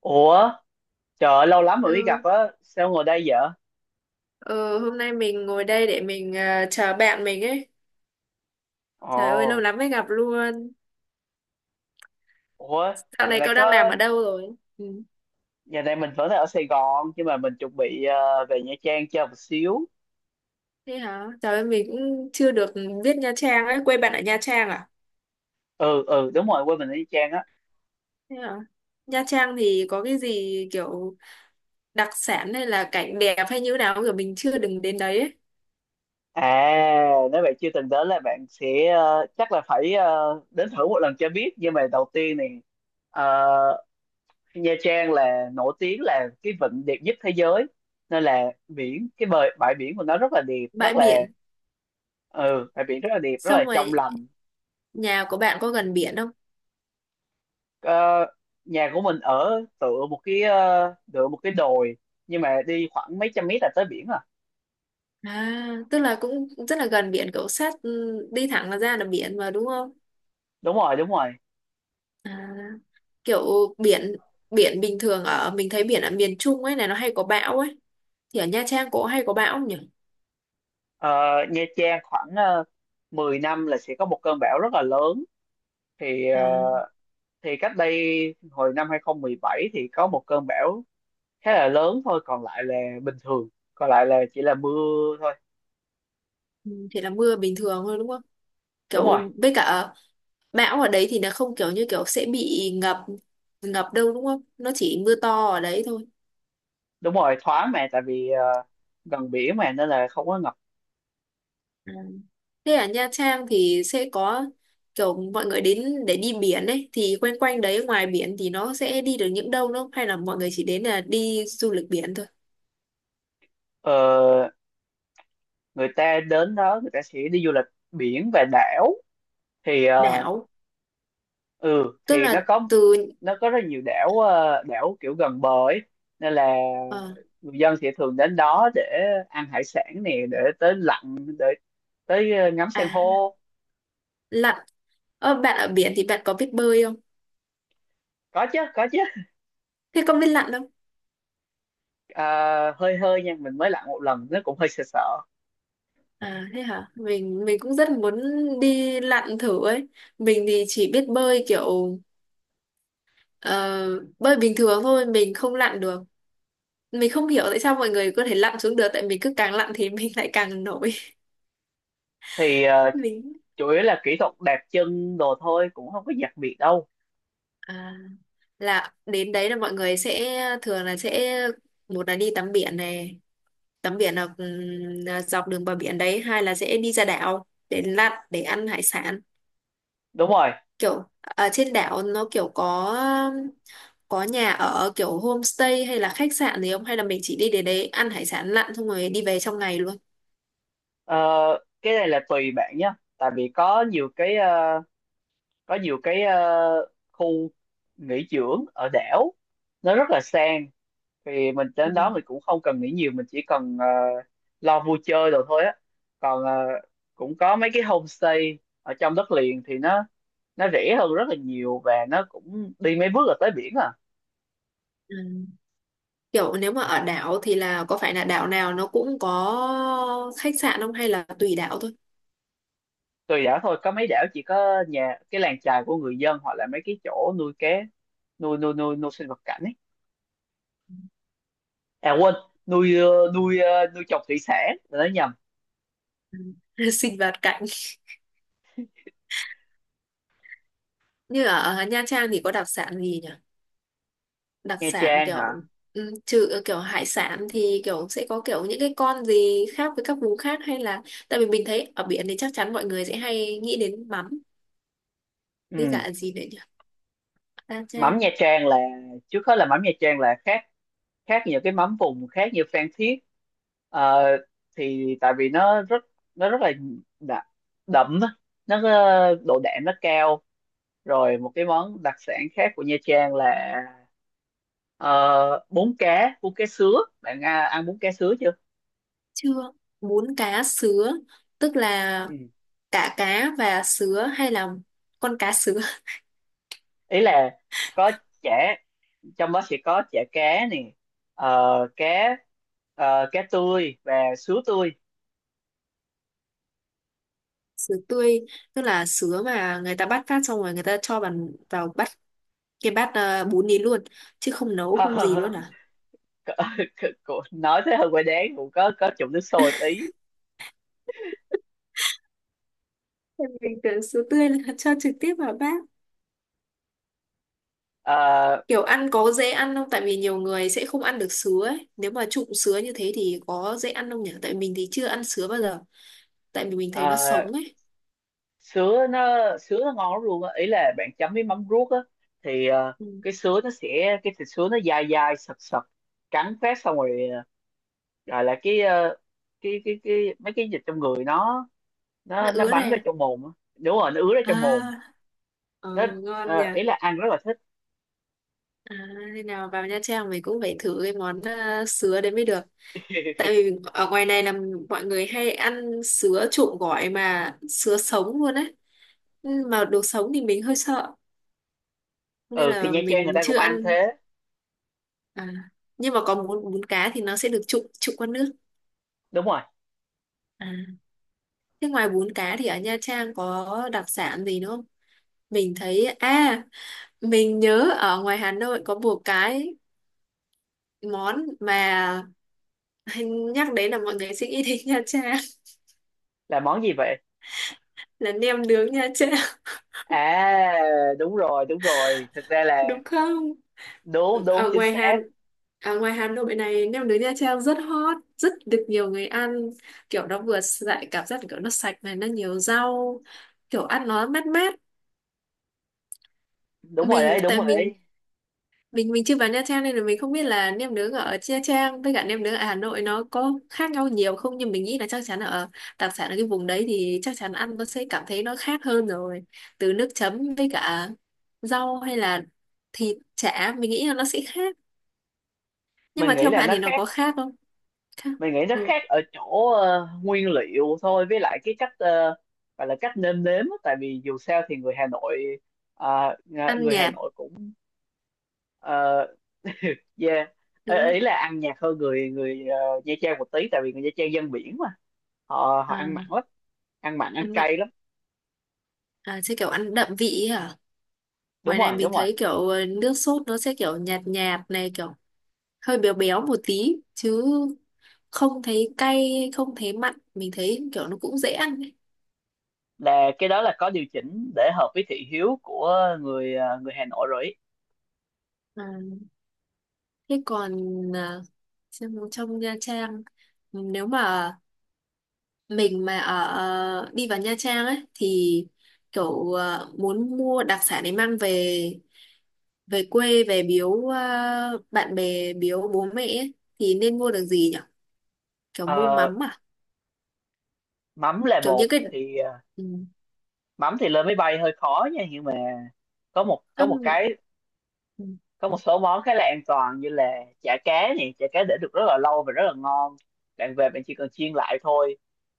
Ủa, trời ơi, lâu lắm rồi mới gặp Ừ. á, sao ngồi đây vậy? Ừ, hôm nay mình ngồi đây để mình chờ bạn mình ấy. Trời ơi, lâu Ồ, lắm mới gặp luôn. ủa, Dạo giờ này này cậu đang làm có, ở đâu rồi? Ừ. giờ này mình vẫn đang ở Sài Gòn, nhưng mà mình chuẩn bị về Nha Trang chơi một xíu. Thế hả? Trời ơi, mình cũng chưa được biết Nha Trang ấy. Quê bạn ở Nha Trang à? Ừ, Đúng rồi, quên mình ở Nha Trang á. Thế hả? Nha Trang thì có cái gì kiểu đặc sản hay là cảnh đẹp hay như nào không? Kiểu mình chưa đừng đến đấy ấy. À, nếu bạn chưa từng đến là bạn sẽ, ờ, chắc là phải đến thử một lần cho biết. Nhưng mà đầu tiên này, ờ, Nha Trang là nổi tiếng là cái vịnh đẹp nhất thế giới. Nên là bãi biển của nó rất là đẹp, Bãi biển. Bãi biển rất là đẹp, rất là Xong trong rồi, lành. nhà của bạn có gần biển không? Ờ, Nhà của mình ở tựa một cái đồi, nhưng mà đi khoảng mấy trăm mét là tới biển à. À, tức là cũng rất là gần biển, cậu sát đi thẳng là ra là biển mà đúng không? Đúng rồi, đúng rồi. À. Kiểu biển biển bình thường ở mình thấy biển ở miền Trung ấy này nó hay có bão ấy, thì ở Nha Trang có hay có bão không nhỉ? Ờ, Nha Trang khoảng uh, 10 năm là sẽ có một cơn bão rất là lớn, thì ờ, À. thì cách đây hồi năm 2017 thì có một cơn bão khá là lớn thôi, còn lại là bình thường, còn lại là chỉ là mưa thôi. Ừ, thì là mưa bình thường thôi đúng không? Đúng rồi, Kiểu với cả bão ở đấy thì nó không kiểu như sẽ bị ngập ngập đâu đúng không? Nó chỉ mưa to ở đấy thôi. đúng rồi thoáng, mà tại vì gần biển mà nên là không có ngập. À. Thế ở Nha Trang thì sẽ có kiểu mọi người đến để đi biển ấy thì quanh quanh đấy ngoài biển thì nó sẽ đi được những đâu đúng không? Hay là mọi người chỉ đến là đi du lịch biển thôi? Ờ, Người ta đến đó người ta sẽ đi du lịch biển và đảo. Thì ờ, Đảo. ừ Tức thì nó là có từ Nó có rất nhiều đảo, đảo kiểu gần bờ ấy, nên là ờ, người dân sẽ thường đến đó để ăn hải sản nè, để tới lặn, để tới ngắm san À. hô. Lặn. Bạn ở biển thì bạn có biết bơi không? Có chứ, có chứ. Thế có biết lặn không? À, hơi hơi nha, mình mới lặn một lần, nó cũng hơi sợ sợ. À, thế hả? Mình cũng rất muốn đi lặn thử ấy. Mình thì chỉ biết bơi kiểu ờ, bơi bình thường thôi, mình không lặn được. Mình không hiểu tại sao mọi người có thể lặn xuống được, tại mình cứ càng lặn thì mình lại càng nổi. thì ờ, Mình. Chủ yếu là kỹ thuật đạp chân đồ thôi, cũng không có đặc biệt đâu. À, là đến đấy là mọi người sẽ thường là sẽ một là đi tắm biển này, tắm biển là dọc đường bờ biển đấy, hai là sẽ đi ra đảo để lặn, để ăn hải sản. Đúng rồi. Kiểu ở trên đảo nó kiểu có nhà ở kiểu homestay hay là khách sạn gì không, hay là mình chỉ đi đến đấy ăn hải sản lặn xong rồi đi về trong ngày luôn? Ờ, cái này là tùy bạn nhé, tại vì có nhiều khu nghỉ dưỡng ở đảo nó rất là sang, thì mình Ừ. đến đó mình cũng không cần nghĩ nhiều, mình chỉ cần lo vui chơi rồi thôi á. Còn cũng có mấy cái homestay ở trong đất liền thì nó rẻ hơn rất là nhiều, và nó cũng đi mấy bước là tới biển à. Ừ. Kiểu nếu mà ở đảo thì là có phải là đảo nào nó cũng có khách sạn không, hay là tùy đảo thôi? Tùy đảo thôi, có mấy đảo chỉ có nhà, cái làng chài của người dân, hoặc là mấy cái chỗ nuôi cá, nuôi nuôi nuôi nuôi sinh vật cảnh ấy. À quên, nuôi trồng thủy sản, là nói nhầm. Sinh vật cảnh. Như ở Nha Trang thì có đặc sản gì nhỉ? Đặc Nha sản Trang hả? kiểu. Ừ, trừ kiểu hải sản thì kiểu sẽ có kiểu những cái con gì khác với các vùng khác, hay là tại vì mình thấy ở biển thì chắc chắn mọi người sẽ hay nghĩ đến mắm với Ừ. cả gì đấy nhỉ. Ta Mắm Nha trang. Trang là, trước hết là mắm Nha Trang là khác, khác nhiều cái mắm vùng khác như Phan Thiết. Ờ, thì tại vì nó rất là đậm, đậm á. Nó độ đạm nó cao. Rồi một cái món đặc sản khác của Nha Trang là, bún cá sứa. Bạn à, ăn bún cá sứa chưa? Chưa. Bún cá sứa tức là Ừ. cả cá và sứa, hay là con cá sứa? Ý là có chả, trong đó sẽ có chả cá nè, ờ, cá cá tươi và sứa tươi. Sứa tươi tức là sứa mà người ta bắt phát xong rồi người ta cho vào vào bắt cái bát bún đi luôn, chứ không nấu không gì luôn à? Nói thế hơi quay đáng, cũng có chụm nước sôi tí. Em Bình thường sứa tươi là cho trực tiếp vào bát. Ờ, Kiểu ăn có dễ ăn không? Tại vì nhiều người sẽ không ăn được sứa ấy, nếu mà trụng sứa như thế thì có dễ ăn không nhỉ? Tại mình thì chưa ăn sứa bao giờ, tại vì mình thấy nó ờ, sống ấy. sứa nó sứa nó ngon lắm luôn á, ý là bạn chấm với mắm ruốc á. thì ờ, Ừ. cái sứa nó sẽ, cái thịt sứa nó dai dai sật sật, cắn phát xong rồi, rồi là cái mấy cái dịch trong người nó Nó nó nó ứa bắn ra này. trong mồm á. Đúng rồi, nó ứa ra À. trong mồm. Ờ, nó ngon nhỉ. Ý là ăn rất là thích. À, thế nào vào Nha Trang mình cũng phải thử cái món sứa đấy mới được. Tại vì ở ngoài này là mọi người hay ăn sứa trộn gỏi mà sứa sống luôn ấy. Ừ, mà đồ sống thì mình hơi sợ nên Ừ thì là Nha Trang người mình ta chưa cũng ăn ăn. thế. À, nhưng mà có bún bún cá thì nó sẽ được trụng trụng qua nước. Đúng rồi. À, thế ngoài bún cá thì ở Nha Trang có đặc sản gì nữa không? Mình thấy mình nhớ ở ngoài Hà Nội có bùa cái món mà anh nhắc đến là mọi người sẽ nghĩ đến Nha Trang. Là món gì vậy? Là nem nướng Nha Trang. À, đúng rồi, đúng rồi, thực ra là, Đúng không? đúng đúng, ở chính ngoài xác. Hà Ở ngoài Hà Nội này nem nướng Nha Trang rất hot, rất được nhiều người ăn. Kiểu nó vừa lại cảm giác kiểu nó sạch này, nó nhiều rau, kiểu ăn nó mát mát. Đúng rồi mình đấy, đúng tại rồi mình đấy. mình mình chưa vào Nha Trang nên là mình không biết là nem nướng ở Nha Trang với cả nem nướng ở Hà Nội nó có khác nhau nhiều không, nhưng mình nghĩ là chắc chắn ở đặc sản ở cái vùng đấy thì chắc chắn ăn nó sẽ cảm thấy nó khác hơn rồi. Từ nước chấm với cả rau, hay là thịt chả, mình nghĩ là nó sẽ khác. Nhưng Mình mà nghĩ theo là bạn nó thì nó khác. có khác không? Khác. Mình nghĩ nó Ừ. khác ở chỗ nguyên liệu thôi, với lại cái cách, gọi là cách nêm nếm á. Tại vì dù sao thì người Hà Nội, Ăn người Hà nhạt Nội cũng, ờ, yeah, ý đúng không? ý là ăn nhạt hơn người người ờ, Nha Trang một tí, tại vì người Nha Trang dân biển mà, họ họ ăn mặn À, lắm, ăn mặn ăn ăn mặn. cay lắm. À, sẽ kiểu ăn đậm vị ấy hả? Đúng Ngoài này rồi, mình đúng rồi, thấy kiểu nước sốt nó sẽ kiểu nhạt nhạt này, kiểu hơi béo béo một tí chứ không thấy cay, không thấy mặn, mình thấy kiểu nó cũng dễ ăn ấy. là cái đó là có điều chỉnh để hợp với thị hiếu của người Hà Nội rồi ý. À, thế còn à, xem trong Nha Trang, nếu mà mình mà ở đi vào Nha Trang ấy thì kiểu muốn mua đặc sản để mang về, về quê về biếu bạn bè biếu bố mẹ ấy, thì nên mua được gì nhỉ? Kiểu mua Ờ, mắm à? Mắm là Kiểu bột những cái. thì, Ừ. mắm thì lên máy bay hơi khó nha, nhưng mà có một có một Ừm. cái có một số món khá là an toàn, như là chả cá này, chả cá để được rất là lâu và rất là ngon, bạn về bạn chỉ cần chiên lại thôi.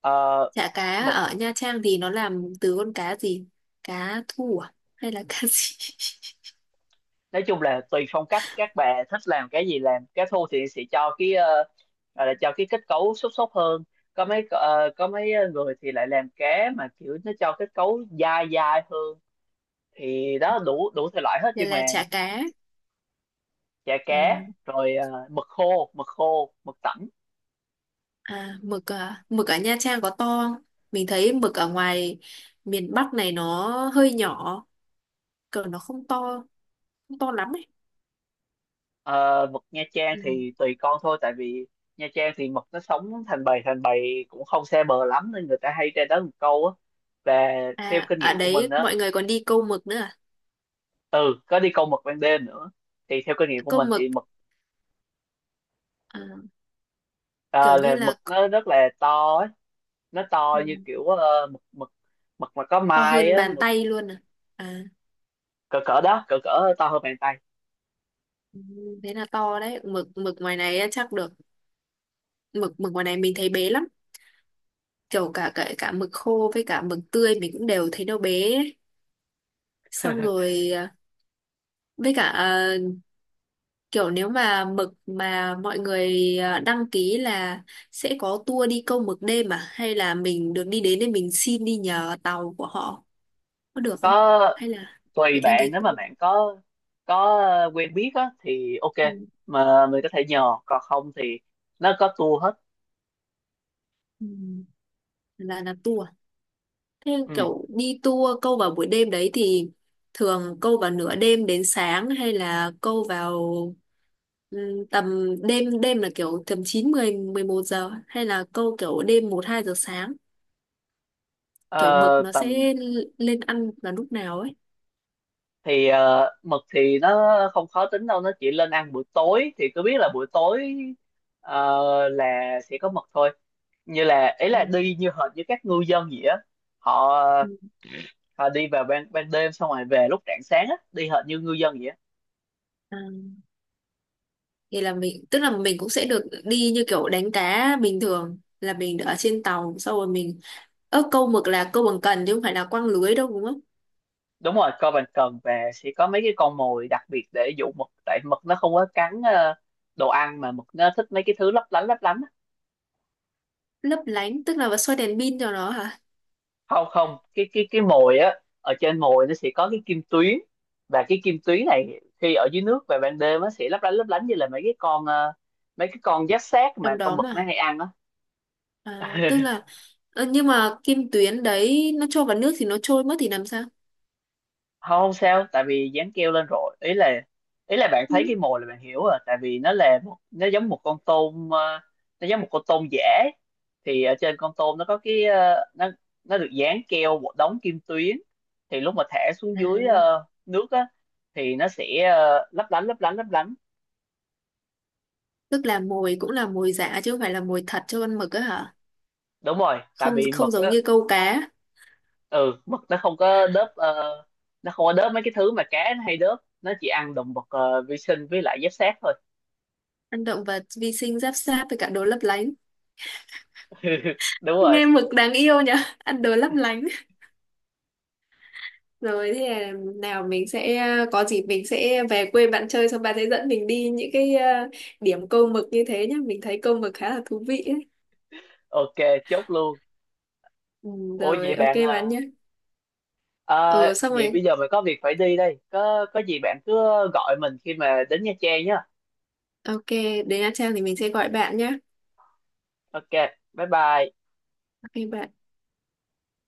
Ờ, Chả cá Mực. ở Nha Trang thì nó làm từ con cá gì? Cá thu à? Hay là cá gì? Nói chung là tùy phong cách, các bà thích làm cái gì làm, cá thu thì sẽ cho gọi là cho cái kết cấu xốp xốp hơn, có mấy người thì lại làm cá mà kiểu nó cho kết cấu dai dai hơn, thì đó, đủ đủ thể loại hết, Đây nhưng mà là chả cá. chả À, cá rồi, mực khô, mực tẩm. À? Mực ở Nha Trang có to không? Mình thấy mực ở ngoài miền Bắc này nó hơi nhỏ, còn nó không to, không to lắm ấy. Ờ, Mực Nha Trang Ừ. thì tùy con thôi, tại vì Nha Trang thì mực nó sống thành bầy, thành bầy cũng không xa bờ lắm, nên người ta hay ra đó một câu á. Và theo À, kinh ở nghiệm của mình đấy á, mọi người còn đi câu mực nữa à? ừ, có đi câu mực ban đêm nữa. Thì theo kinh nghiệm của Câu mình mực thì mực, à, kiểu ờ, như là mực là. nó rất là to ấy. Nó to Ừ, như kiểu, ờ, mực mực mực mà có to mai hơn á, bàn mực tay luôn à? À, cỡ cỡ đó, cỡ cỡ to hơn bàn tay. ừ, thế là to đấy. Mực mực ngoài này chắc được. Mực mực ngoài này mình thấy bé lắm, kiểu cả cả cả mực khô với cả mực tươi mình cũng đều thấy nó bé ấy. Xong rồi với cả kiểu nếu mà mực mà mọi người đăng ký là sẽ có tour đi câu mực đêm à, hay là mình được đi đến để mình xin đi nhờ tàu của họ có được không, Có. hay là Tùy phải đăng bạn, ký nếu mà tour? bạn có quen biết á thì ok, Ừ. mà mình có thể nhờ, còn không thì nó có tour hết. Ừ. Là tour à? Thế Ừ. kiểu đi tour câu vào buổi đêm đấy thì thường câu vào nửa đêm đến sáng, hay là câu vào. Ừ, tầm đêm đêm là kiểu tầm 9, 10, 11 giờ, hay là câu kiểu đêm 1, 2 giờ sáng? Kiểu mực Ờ, nó tầm sẽ lên ăn vào lúc nào ấy? Mực thì nó không khó tính đâu, nó chỉ lên ăn buổi tối, thì cứ biết là buổi tối ờ, là sẽ có mực thôi. Như là ấy Ờ. là đi như hệt như các ngư dân vậy á, họ Ừ. họ đi vào ban ban đêm xong rồi về lúc rạng sáng á, đi hệt như ngư dân vậy á. À. Thì là mình tức là mình cũng sẽ được đi như kiểu đánh cá bình thường là mình ở trên tàu sau rồi mình câu mực là câu bằng cần chứ không phải là quăng lưới đâu đúng không? Đúng rồi, coi bàn cần và sẽ có mấy cái con mồi đặc biệt để dụ mực, tại mực nó không có cắn đồ ăn, mà mực nó thích mấy cái thứ lấp lánh á. Lấp lánh tức là xoay đèn pin cho nó hả? Không không, cái mồi á, ở trên mồi nó sẽ có cái kim tuyến, và cái kim tuyến này khi ở dưới nước về ban đêm nó sẽ lấp lánh như là mấy cái con, mấy cái con giáp xác mà Trong con đó mực nó mà. hay ăn á. À, tức là nhưng mà kim tuyến đấy nó trôi vào nước thì nó trôi mất thì làm sao? Không không sao, tại vì dán keo lên rồi, ý là, ý là bạn Ừ. thấy cái mồi là bạn hiểu rồi, tại vì nó là một- nó giống một con tôm, nó giống một con tôm giả. Thì ở trên con tôm nó có cái, nó được dán keo một đống kim tuyến, thì lúc mà thả xuống dưới À. Nước á thì nó sẽ lấp lánh lấp lánh lấp lánh. Tức là mồi cũng là mồi giả chứ không phải là mồi thật cho con mực á hả? Đúng rồi, tại Không, vì không mực giống á, như câu cá, ừ, mực nó không có đớp, nó không có đớp mấy cái thứ mà cá nó hay đớp, nó chỉ ăn động vật vi sinh với lại giáp xác thôi. ăn động vật vi sinh giáp sát với cả đồ lấp lánh. Đúng rồi. Nghe mực đáng yêu nhở, ăn đồ lấp lánh. Rồi thế là nào mình sẽ có dịp mình sẽ về quê bạn chơi, xong bạn sẽ dẫn mình đi những cái điểm câu mực như thế nhá. Mình thấy câu mực khá là thú vị ấy. Ok, chốt luôn. Ừ, Ủa vậy rồi ok bạn bạn à, nhé. à, Ừ, xong vậy rồi. bây giờ mình có việc phải đi đây, có gì bạn cứ gọi mình khi mà đến Nha Trang nhá. Ok, đến Nha Trang thì mình sẽ gọi bạn nhé. Ok, bye bye. Ok bạn.